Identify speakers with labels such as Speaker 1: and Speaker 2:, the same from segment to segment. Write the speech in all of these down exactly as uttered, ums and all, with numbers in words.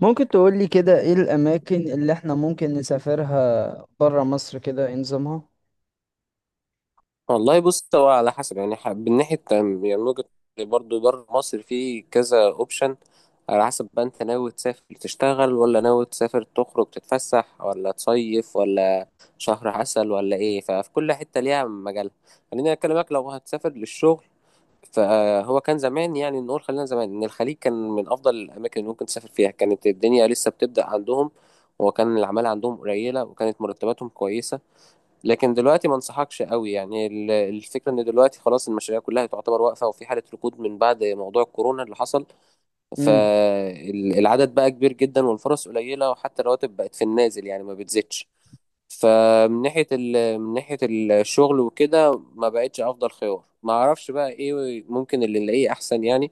Speaker 1: ممكن تقولي كده ايه الاماكن اللي احنا ممكن نسافرها برا مصر كده ايه نظامها.
Speaker 2: والله بص، هو على حسب يعني ح- من ناحية تم- يعني من وجهة نظري برضه بره مصر في كذا اوبشن. على حسب بقى انت ناوي تسافر تشتغل، ولا ناوي تسافر تخرج تتفسح، ولا تصيف، ولا شهر عسل، ولا ايه؟ ففي كل حتة ليها مجال. خليني اكلمك لو هتسافر للشغل. فهو كان زمان، يعني نقول خلينا زمان، ان الخليج كان من افضل الاماكن اللي ممكن تسافر فيها. كانت الدنيا لسه بتبدأ عندهم، وكان العمالة عندهم قليلة، وكانت مرتباتهم كويسة. لكن دلوقتي ما انصحكش قوي، يعني ال- الفكرة ان دلوقتي خلاص المشاريع كلها تعتبر واقفة، وفي حالة ركود من بعد موضوع الكورونا اللي حصل.
Speaker 1: امم
Speaker 2: فالعدد بقى كبير جدا والفرص قليلة، وحتى الرواتب بقت في النازل، يعني ما بتزيدش. فمن ناحية ال... من ناحية الشغل وكده ما بقتش افضل خيار. ما اعرفش بقى ايه ممكن اللي نلاقيه احسن يعني.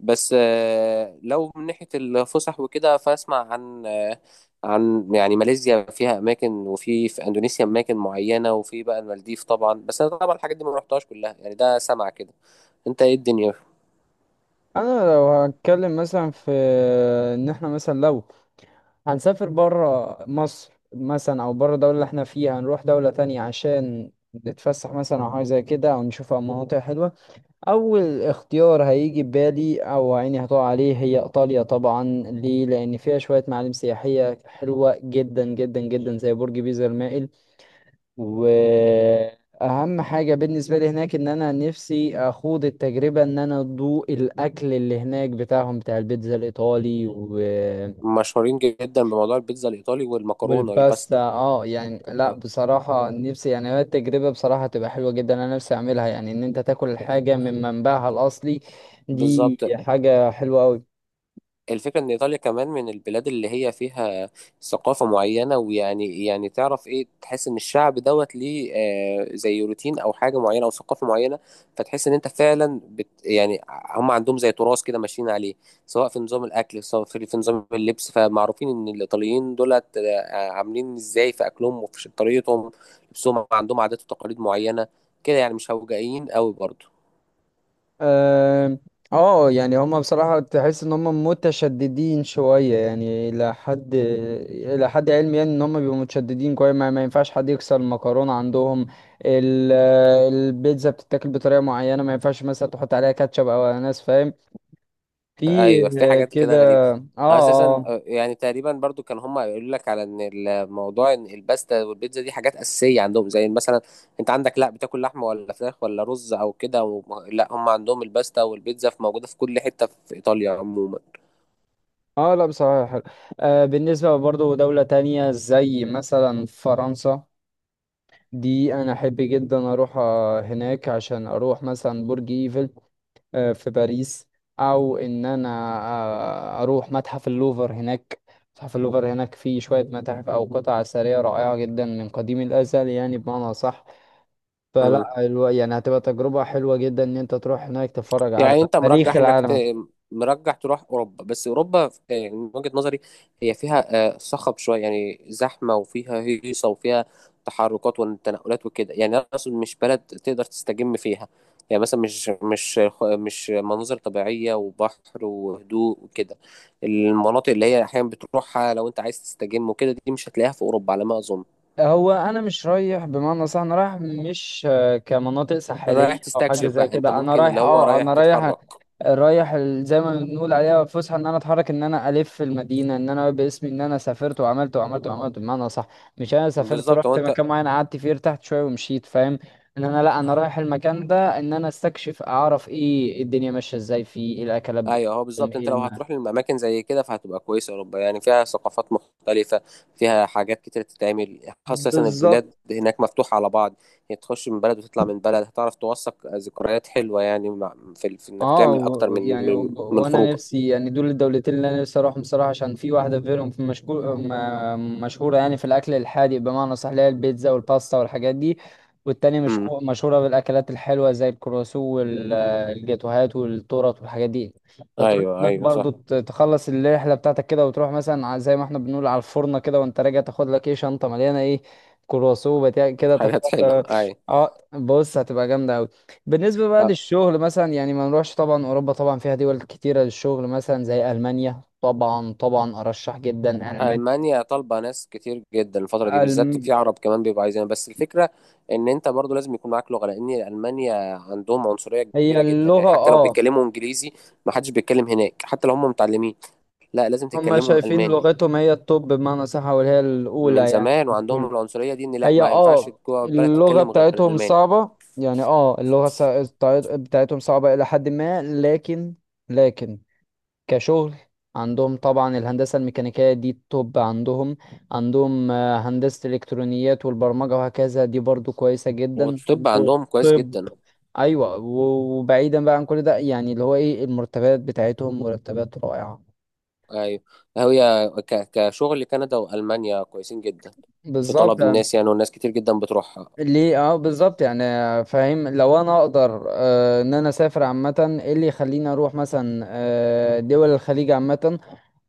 Speaker 2: بس آه، لو من ناحية الفسح وكده، فأسمع عن آه، عن يعني ماليزيا فيها أماكن، وفي في أندونيسيا أماكن معينة، وفي بقى المالديف طبعا. بس أنا طبعا الحاجات دي ما رحتهاش كلها، يعني ده سمع كده. أنت إيه الدنيا؟
Speaker 1: انا لو هتكلم مثلا في ان احنا مثلا لو هنسافر برا مصر مثلا او برا الدولة اللي احنا فيها هنروح دولة تانية عشان نتفسح مثلا او حاجة زي كده او نشوف مناطق حلوة. اول اختيار هيجي ببالي او عيني هتقع عليه هي ايطاليا طبعا، ليه؟ لان فيها شوية معالم سياحية حلوة جدا جدا جدا زي برج بيزا المائل. واهم حاجه بالنسبه لي هناك ان انا نفسي اخوض التجربه ان انا ادوق الاكل اللي هناك بتاعهم بتاع البيتزا الايطالي و...
Speaker 2: مشهورين جدا بموضوع البيتزا الإيطالي والمكرونة
Speaker 1: والباستا.
Speaker 2: والباستا.
Speaker 1: اه يعني لا
Speaker 2: آه،
Speaker 1: بصراحه نفسي، يعني هي التجربه بصراحه تبقى حلوه جدا، انا نفسي اعملها يعني ان انت تاكل الحاجه من منبعها الاصلي. دي
Speaker 2: بالظبط.
Speaker 1: حاجه حلوه قوي.
Speaker 2: الفكرة إن إيطاليا كمان من البلاد اللي هي فيها ثقافة معينة، ويعني يعني تعرف إيه، تحس إن الشعب دوت ليه آه زي روتين أو حاجة معينة أو ثقافة معينة. فتحس إن أنت فعلا بت يعني، هم عندهم زي تراث كده ماشيين عليه، سواء في نظام الأكل، سواء في في نظام اللبس. فمعروفين إن الإيطاليين دولت آه عاملين إزاي في أكلهم وفي طريقتهم، لبسهم، عندهم عادات وتقاليد معينة كده، يعني مش هوجائيين قوي برضه.
Speaker 1: اه، آه، يعني هما بصراحة تحس ان هما متشددين شوية، يعني الى حد الى حد علمي يعني ان هما بيبقوا متشددين كويس. ما, ما ينفعش حد يكسر المكرونة عندهم. ال- البيتزا بتتاكل بطريقة معينة، ما ينفعش مثلا تحط عليها كاتشب او اناناس، فاهم؟ في
Speaker 2: ايوه، في
Speaker 1: آه،
Speaker 2: حاجات
Speaker 1: كده.
Speaker 2: كده غريبه
Speaker 1: اه
Speaker 2: اساسا.
Speaker 1: اه.
Speaker 2: آه، يعني تقريبا برضو كان هم يقولوا لك على ان الموضوع ان الباستا والبيتزا دي حاجات اساسيه عندهم، زي مثلا انت عندك لا بتاكل لحمه ولا فراخ ولا رز او كده، وم- لا هم عندهم الباستا والبيتزا، في موجوده في كل حته في ايطاليا عموما.
Speaker 1: اه لا بصراحة حلو. آه، بالنسبة برضو دولة تانية زي مثلا فرنسا، دي انا احب جدا اروح آه، هناك عشان اروح مثلا برج ايفل، آه، في باريس. او ان انا آه، اروح متحف اللوفر هناك. متحف اللوفر هناك فيه شوية متاحف او قطع اثرية رائعة جدا من قديم الازل، يعني بمعنى صح. فلا الو- يعني هتبقى تجربة حلوة جدا ان انت تروح هناك تتفرج على
Speaker 2: يعني انت
Speaker 1: تاريخ
Speaker 2: مرجح انك ت...
Speaker 1: العالم.
Speaker 2: مرجح تروح اوروبا، بس اوروبا آه، يعني من وجهة نظري هي فيها آه، صخب شويه، يعني زحمه وفيها هيصه وفيها تحركات والتنقلات وكده. يعني انا اقصد مش بلد تقدر تستجم فيها، يعني مثلا مش مش مش مناظر طبيعيه وبحر وهدوء وكده. المناطق اللي هي احيانا بتروحها لو انت عايز تستجم وكده، دي مش هتلاقيها في اوروبا على ما اظن.
Speaker 1: هو انا مش رايح بمعنى صح، انا رايح مش آه، كمناطق
Speaker 2: رايح
Speaker 1: ساحليه او حاجه
Speaker 2: تستكشف
Speaker 1: زي
Speaker 2: بقى؟ انت
Speaker 1: كده، انا
Speaker 2: ممكن اللي
Speaker 1: رايح
Speaker 2: هو
Speaker 1: اه
Speaker 2: رايح
Speaker 1: انا رايح،
Speaker 2: تتحرك.
Speaker 1: رايح ال- زي ما بنقول عليها فسحه، ان انا اتحرك، ان انا الف في المدينه، ان انا باسمي ان انا سافرت وعملت وعملت وعملت بمعنى صح. مش انا سافرت
Speaker 2: بالظبط، هو
Speaker 1: رحت
Speaker 2: انت.
Speaker 1: مكان معين قعدت فيه ارتحت شويه ومشيت، فاهم؟ ان انا لا، انا رايح المكان ده ان انا استكشف، اعرف ايه الدنيا ماشيه ازاي، فيه ايه الاكلات
Speaker 2: ايوه، هو
Speaker 1: بتاعتهم،
Speaker 2: بالظبط،
Speaker 1: ايه
Speaker 2: انت لو
Speaker 1: الماء.
Speaker 2: هتروح للاماكن زي كده فهتبقى كويسه اوروبا، يعني فيها ثقافات مختلفه، فيها حاجات كتير تتعمل، خاصه البلاد
Speaker 1: بالظبط.
Speaker 2: هناك مفتوحه على بعض. يعني تخش من بلد وتطلع من بلد، هتعرف توثق ذكريات حلوه، يعني مع في, ال- في انك
Speaker 1: اه،
Speaker 2: تعمل اكتر
Speaker 1: و-
Speaker 2: من
Speaker 1: يعني
Speaker 2: من
Speaker 1: و-
Speaker 2: من
Speaker 1: وانا
Speaker 2: خروجه.
Speaker 1: نفسي يعني دول الدولتين اللي انا نفسي اروحهم صراحه، عشان في واحده غيرهم في مشكور م- مشهوره يعني في الاكل الحادق بمعنى صح، اللي هي البيتزا والباستا والحاجات دي. والتانية مش
Speaker 2: امم.
Speaker 1: مشهوره بالاكلات الحلوه زي الكرواسو والجاتوهات والتورت والحاجات دي. فتروح
Speaker 2: ايوه
Speaker 1: هناك
Speaker 2: ايوه
Speaker 1: برضو
Speaker 2: صح.
Speaker 1: ت- تخلص الرحله بتاعتك كده وتروح مثلا ع- زي ما احنا بنقول على الفرنه كده، وانت راجع تاخد لك ايه، شنطه مليانه ايه، كرواسو بتاع كده تاخد.
Speaker 2: حاجات حلوه
Speaker 1: اه.
Speaker 2: ايوه.
Speaker 1: آه، بص هتبقى جامده أوي. بالنسبة بقى للشغل مثلا، يعني ما نروحش طبعا، أوروبا طبعا فيها دول كتيرة للشغل مثلا زي ألمانيا. طبعا طبعا أرشح جدا ألمانيا.
Speaker 2: ألمانيا طالبة ناس كتير جدا الفترة دي بالذات، في
Speaker 1: ألم...
Speaker 2: عرب كمان بيبقوا عايزينها، بس الفكرة إن أنت برضو لازم يكون معاك لغة، لأن ألمانيا عندهم عنصرية
Speaker 1: هي
Speaker 2: كبيرة جدا، يعني
Speaker 1: اللغة،
Speaker 2: حتى لو
Speaker 1: اه.
Speaker 2: بيتكلموا إنجليزي ما حدش بيتكلم هناك، حتى لو هم متعلمين. لا، لازم
Speaker 1: هما
Speaker 2: تتكلمهم
Speaker 1: شايفين
Speaker 2: ألماني.
Speaker 1: لغتهم هي التوب بمعنى صح وهي
Speaker 2: من
Speaker 1: الأولى يعني.
Speaker 2: زمان وعندهم
Speaker 1: كله.
Speaker 2: العنصرية دي، إن لا
Speaker 1: هي
Speaker 2: ما ينفعش
Speaker 1: اه
Speaker 2: جوه البلد
Speaker 1: اللغة
Speaker 2: تتكلم غير
Speaker 1: بتاعتهم
Speaker 2: ألماني.
Speaker 1: صعبة يعني، اه اللغة سا- بتاعت- بتاعتهم صعبة إلى حد ما. لكن، لكن، كشغل، عندهم طبعا الهندسة الميكانيكية دي التوب عندهم. عندهم آه، هندسة الإلكترونيات والبرمجة وهكذا دي برضو كويسة جدا.
Speaker 2: والطب عندهم كويس
Speaker 1: والطب،
Speaker 2: جدا.
Speaker 1: أيوة. و- وبعيدا بقى عن كل ده يعني اللي هو إيه المرتبات بتاعتهم، مرتبات رائعة.
Speaker 2: أيوة. هي ك- كشغل كندا وألمانيا كويسين جدا، في
Speaker 1: بالظبط.
Speaker 2: طلب
Speaker 1: آه،
Speaker 2: الناس يعني، والناس كتير جدا بتروحها.
Speaker 1: ليه، اه بالظبط يعني. آه، فاهم، لو انا اقدر آه ان انا اسافر عامه، ايه اللي يخليني اروح مثلا آه دول الخليج عامه؟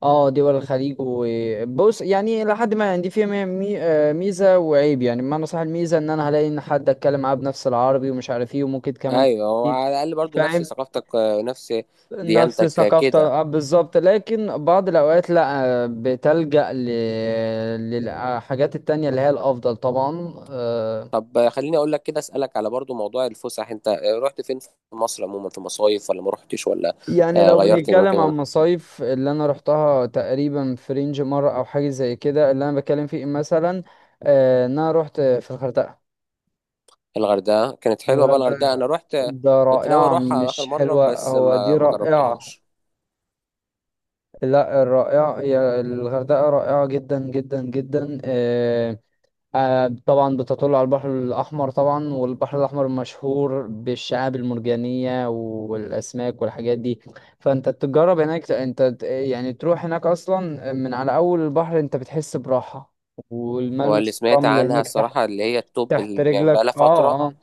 Speaker 1: اه دول الخليج، وبص يعني لحد ما يعني دي فيها مي- مي- آه، ميزه وعيب يعني بمعنى صح. الميزه ان انا هلاقي ان حد اتكلم معاه بنفس العربي ومش عارف ايه، وممكن كمان
Speaker 2: ايوه، هو
Speaker 1: تلاقي.
Speaker 2: على الاقل برضو نفس
Speaker 1: فاهم؟
Speaker 2: ثقافتك، آه، نفس
Speaker 1: نفس
Speaker 2: ديانتك، آه،
Speaker 1: ثقافته،
Speaker 2: كده.
Speaker 1: آه، بالظبط. لكن بعض الاوقات لا، آه، بتلجأ ل- للحاجات التانية اللي هي الافضل طبعا. آه،
Speaker 2: طب آه، خليني اقول لك كده، اسالك على برضو موضوع الفسح. انت آه، رحت فين في مصر عموما؟ في مصايف ولا ما رحتش، ولا
Speaker 1: يعني
Speaker 2: آه،
Speaker 1: لو
Speaker 2: غيرت
Speaker 1: بنتكلم
Speaker 2: المكان
Speaker 1: عن
Speaker 2: ولا؟
Speaker 1: مصايف اللي انا رحتها، تقريبا في رينج مره او حاجه زي كده اللي انا بتكلم فيه مثلا. آه، ان انا رحت في الغردقه.
Speaker 2: الغردقه كانت حلوه بقى، الغردقه
Speaker 1: الغردقة
Speaker 2: انا رحت. آه،
Speaker 1: ده
Speaker 2: كنت ناوي
Speaker 1: رائعة،
Speaker 2: اروحها اخر
Speaker 1: مش
Speaker 2: مره
Speaker 1: حلوة،
Speaker 2: بس
Speaker 1: هو
Speaker 2: ما
Speaker 1: دي
Speaker 2: ما
Speaker 1: رائعة.
Speaker 2: جربتهاش.
Speaker 1: لا، الرائعة هي الغردقة، رائعة جدا جدا جدا. آه، آه، طبعا بتطل على البحر الأحمر طبعا، والبحر الأحمر مشهور بالشعاب المرجانية والأسماك والحاجات دي. فأنت تجرب هناك، أنت ت- يعني تروح هناك أصلا من على أول البحر أنت بتحس براحة،
Speaker 2: هو اللي
Speaker 1: والملمس
Speaker 2: سمعت
Speaker 1: الرمل
Speaker 2: عنها
Speaker 1: هناك تحت،
Speaker 2: الصراحه اللي هي التوب،
Speaker 1: تحت
Speaker 2: ال- يعني بقى
Speaker 1: رجلك.
Speaker 2: لها
Speaker 1: اه
Speaker 2: فتره.
Speaker 1: اه.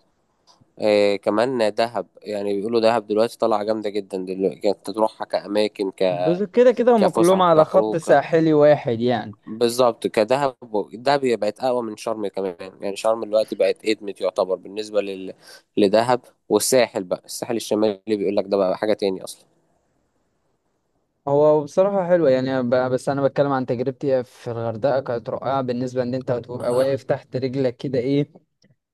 Speaker 2: آه، كمان دهب، يعني بيقولوا دهب دلوقتي طالعه جامده جدا دلوقتي، كانت تروحها كاماكن ك-
Speaker 1: بس كده كده هما كلهم
Speaker 2: كفسحه،
Speaker 1: على خط
Speaker 2: كخروج،
Speaker 1: ساحلي واحد يعني.
Speaker 2: بالظبط، كدهب. دهب هي بقت اقوى من شرم كمان، يعني شرم دلوقتي بقت ادمت يعتبر بالنسبه لل... لدهب. والساحل بقى، الساحل الشمالي بيقول لك ده بقى حاجه تاني اصلا.
Speaker 1: هو بصراحة حلوة يعني، ب- بس أنا بتكلم عن تجربتي في الغردقة كانت رائعة. بالنسبة إن أنت بتبقى واقف تحت رجلك كده إيه،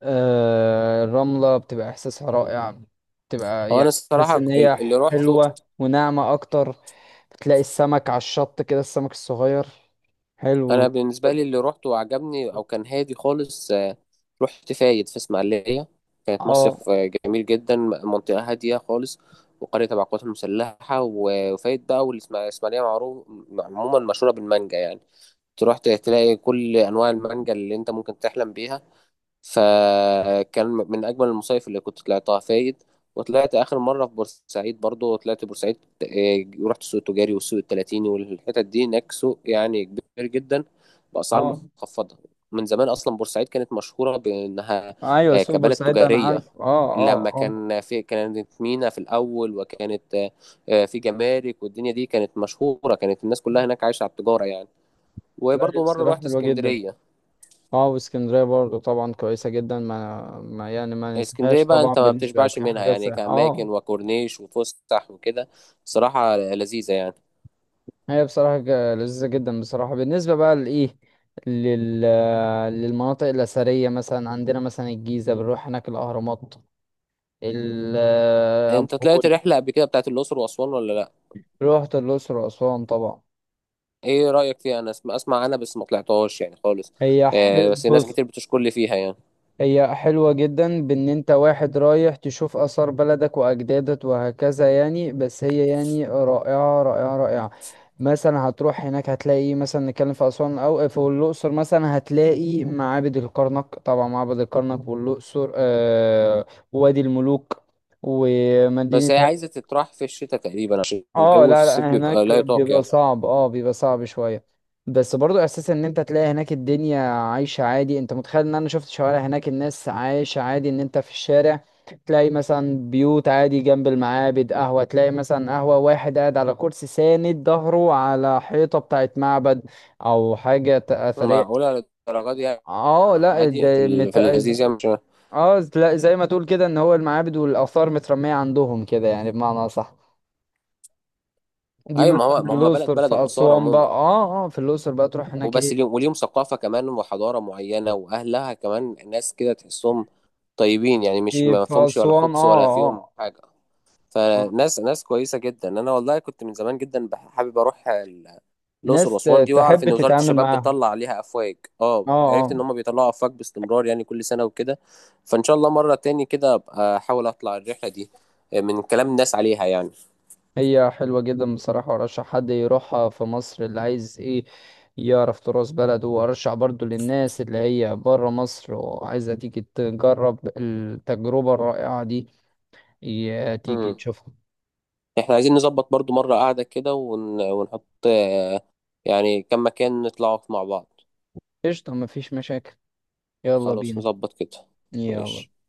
Speaker 1: آه الرملة بتبقى إحساسها رائع، بتبقى
Speaker 2: هو انا
Speaker 1: يعني تحس
Speaker 2: الصراحه
Speaker 1: إن هي
Speaker 2: ال- اللي روحته،
Speaker 1: حلوة وناعمة أكتر. بتلاقي السمك على الشط كده، السمك الصغير، حلو.
Speaker 2: انا بالنسبه لي اللي روحته وعجبني او كان هادي خالص آه، رحت فايد في اسماعيليه. كانت
Speaker 1: اه
Speaker 2: مصيف آه، جميل جدا، منطقه هاديه خالص، وقريه تبع القوات المسلحه، و- وفايد بقى والاسماعيليه معروف عموما مشهوره بالمانجا، يعني تروح تلاقي كل انواع المانجا اللي انت ممكن تحلم بيها. فكان من اجمل المصايف اللي كنت طلعتها فايد. وطلعت اخر مره في بورسعيد، برضو طلعت بورسعيد. آه، رحت السوق التجاري والسوق التلاتيني والحتت دي، هناك سوق يعني كبير جدا باسعار
Speaker 1: اه.
Speaker 2: مخفضه. من زمان اصلا بورسعيد كانت مشهوره بانها
Speaker 1: آه. أيوة
Speaker 2: آه،
Speaker 1: سوبر
Speaker 2: كبلد
Speaker 1: ساعتها أنا
Speaker 2: تجاريه،
Speaker 1: عارف. اه
Speaker 2: لما
Speaker 1: اه اه.
Speaker 2: كان في، كانت مينا في الاول، وكانت آه، آه، في جمارك والدنيا دي، كانت مشهوره، كانت الناس كلها هناك عايشه على التجاره يعني.
Speaker 1: لا هي
Speaker 2: وبرضه مرة
Speaker 1: بصراحة
Speaker 2: رحت
Speaker 1: حلوة جدا.
Speaker 2: اسكندرية.
Speaker 1: اه، واسكندريه برضه طبعا كويسه جدا، ما, ما يعني ما
Speaker 2: اسكندرية
Speaker 1: ننساهاش
Speaker 2: بقى
Speaker 1: طبعا،
Speaker 2: انت ما
Speaker 1: بالنسبه
Speaker 2: بتشبعش منها
Speaker 1: كحاجه س-
Speaker 2: يعني،
Speaker 1: اه.
Speaker 2: كأماكن وكورنيش وفسح وكده، صراحة لذيذة يعني.
Speaker 1: هي بصراحه ج- لذيذه جدا بصراحه. بالنسبه بقى لايه، لل للمناطق الاثريه مثلا، عندنا مثلا الجيزه بنروح هناك الاهرامات، ال- ابو
Speaker 2: انت طلعت
Speaker 1: الهول.
Speaker 2: رحلة قبل كده بتاعت الأقصر وأسوان ولا لأ؟
Speaker 1: رحت الاقصر واسوان طبعا.
Speaker 2: ايه رأيك فيها؟ أنا اسم- أسمع عنها بس ما طلعتهاش يعني خالص.
Speaker 1: هي
Speaker 2: آه
Speaker 1: حلو
Speaker 2: بس ناس
Speaker 1: بص،
Speaker 2: كتير بتشكر لي فيها يعني.
Speaker 1: هي حلوة جدا بان انت واحد رايح تشوف اثار بلدك واجدادك وهكذا يعني، بس هي يعني رائعة رائعة رائعة. مثلا هتروح هناك هتلاقي إيه؟ مثلا نتكلم في اسوان او في الاقصر، مثلا هتلاقي معابد الكرنك طبعا، معبد الكرنك والاقصر، آه وادي الملوك
Speaker 2: بس
Speaker 1: ومدينة.
Speaker 2: هي عايزة تتراح في الشتاء تقريبا، عشان
Speaker 1: اه
Speaker 2: الجو في
Speaker 1: لا
Speaker 2: الصيف
Speaker 1: لا،
Speaker 2: بيبقى
Speaker 1: هناك
Speaker 2: لا يطاق
Speaker 1: بيبقى
Speaker 2: يعني.
Speaker 1: صعب، اه بيبقى صعب شوية. بس برضو احساس ان انت تلاقي هناك الدنيا عايشة عادي. انت متخيل ان انا شفت شوارع هناك الناس عايشة عادي، ان انت في الشارع تلاقي مثلا بيوت عادي جنب المعابد، قهوة تلاقي مثلا، قهوة واحد قاعد على كرسي ساند ظهره على حيطة بتاعت معبد او حاجة ت- اثرية.
Speaker 2: معقولة للدرجة دي يعني؟
Speaker 1: اه لا
Speaker 2: عادي في,
Speaker 1: ده
Speaker 2: ال-
Speaker 1: مت...
Speaker 2: في اللذيذ يعني، مش...
Speaker 1: اه لا، زي ما تقول كده ان هو المعابد والاثار مترمية عندهم كده يعني بمعنى صح. دي
Speaker 2: ايوه ما
Speaker 1: مثلا
Speaker 2: هو، ما هم بلد،
Speaker 1: الأقصر
Speaker 2: بلد
Speaker 1: في
Speaker 2: الآثار
Speaker 1: أسوان بقى،
Speaker 2: عموما
Speaker 1: اه اه، في الأقصر بقى تروح هناك
Speaker 2: وبس،
Speaker 1: ايه.
Speaker 2: ليهم وليهم ثقافة كمان وحضارة معينة، وأهلها كمان ناس كده تحسهم طيبين يعني، مش
Speaker 1: في
Speaker 2: ما
Speaker 1: في
Speaker 2: فيهمش ولا
Speaker 1: أسوان،
Speaker 2: خبث ولا
Speaker 1: اه
Speaker 2: فيهم
Speaker 1: اه.
Speaker 2: حاجة.
Speaker 1: آه.
Speaker 2: فناس ناس كويسة جدا. أنا والله كنت من زمان جدا بح- حابب أروح ال- الأقصر
Speaker 1: ناس
Speaker 2: وأسوان
Speaker 1: ت-
Speaker 2: دي، وأعرف
Speaker 1: تحب
Speaker 2: إن وزارة
Speaker 1: تتعامل
Speaker 2: الشباب
Speaker 1: معاهم.
Speaker 2: بتطلع عليها أفواج. أه
Speaker 1: اه.
Speaker 2: عرفت
Speaker 1: اه.
Speaker 2: إن هم بيطلعوا أفواج باستمرار يعني، كل سنة وكده. فإن شاء الله مرة تاني كده أبقى أحاول أطلع الرحلة دي، آه، من كلام الناس عليها يعني.
Speaker 1: هي حلوة جدا بصراحة، وأرشح حد يروحها في مصر اللي عايز ايه يعرف تراث بلده. وأرشح برضو للناس اللي هي برا مصر وعايزة تيجي تجرب التجربة الرائعة دي، ي- تيجي
Speaker 2: مم.
Speaker 1: تشوفها.
Speaker 2: احنا عايزين نظبط برضو مرة قاعدة كده، ون... ونحط آه، يعني كم مكان نطلعوا مع بعض.
Speaker 1: قشطة، مفيش مشاكل، يلا
Speaker 2: خلاص
Speaker 1: بينا.
Speaker 2: نظبط كده. ماشي.
Speaker 1: يلا.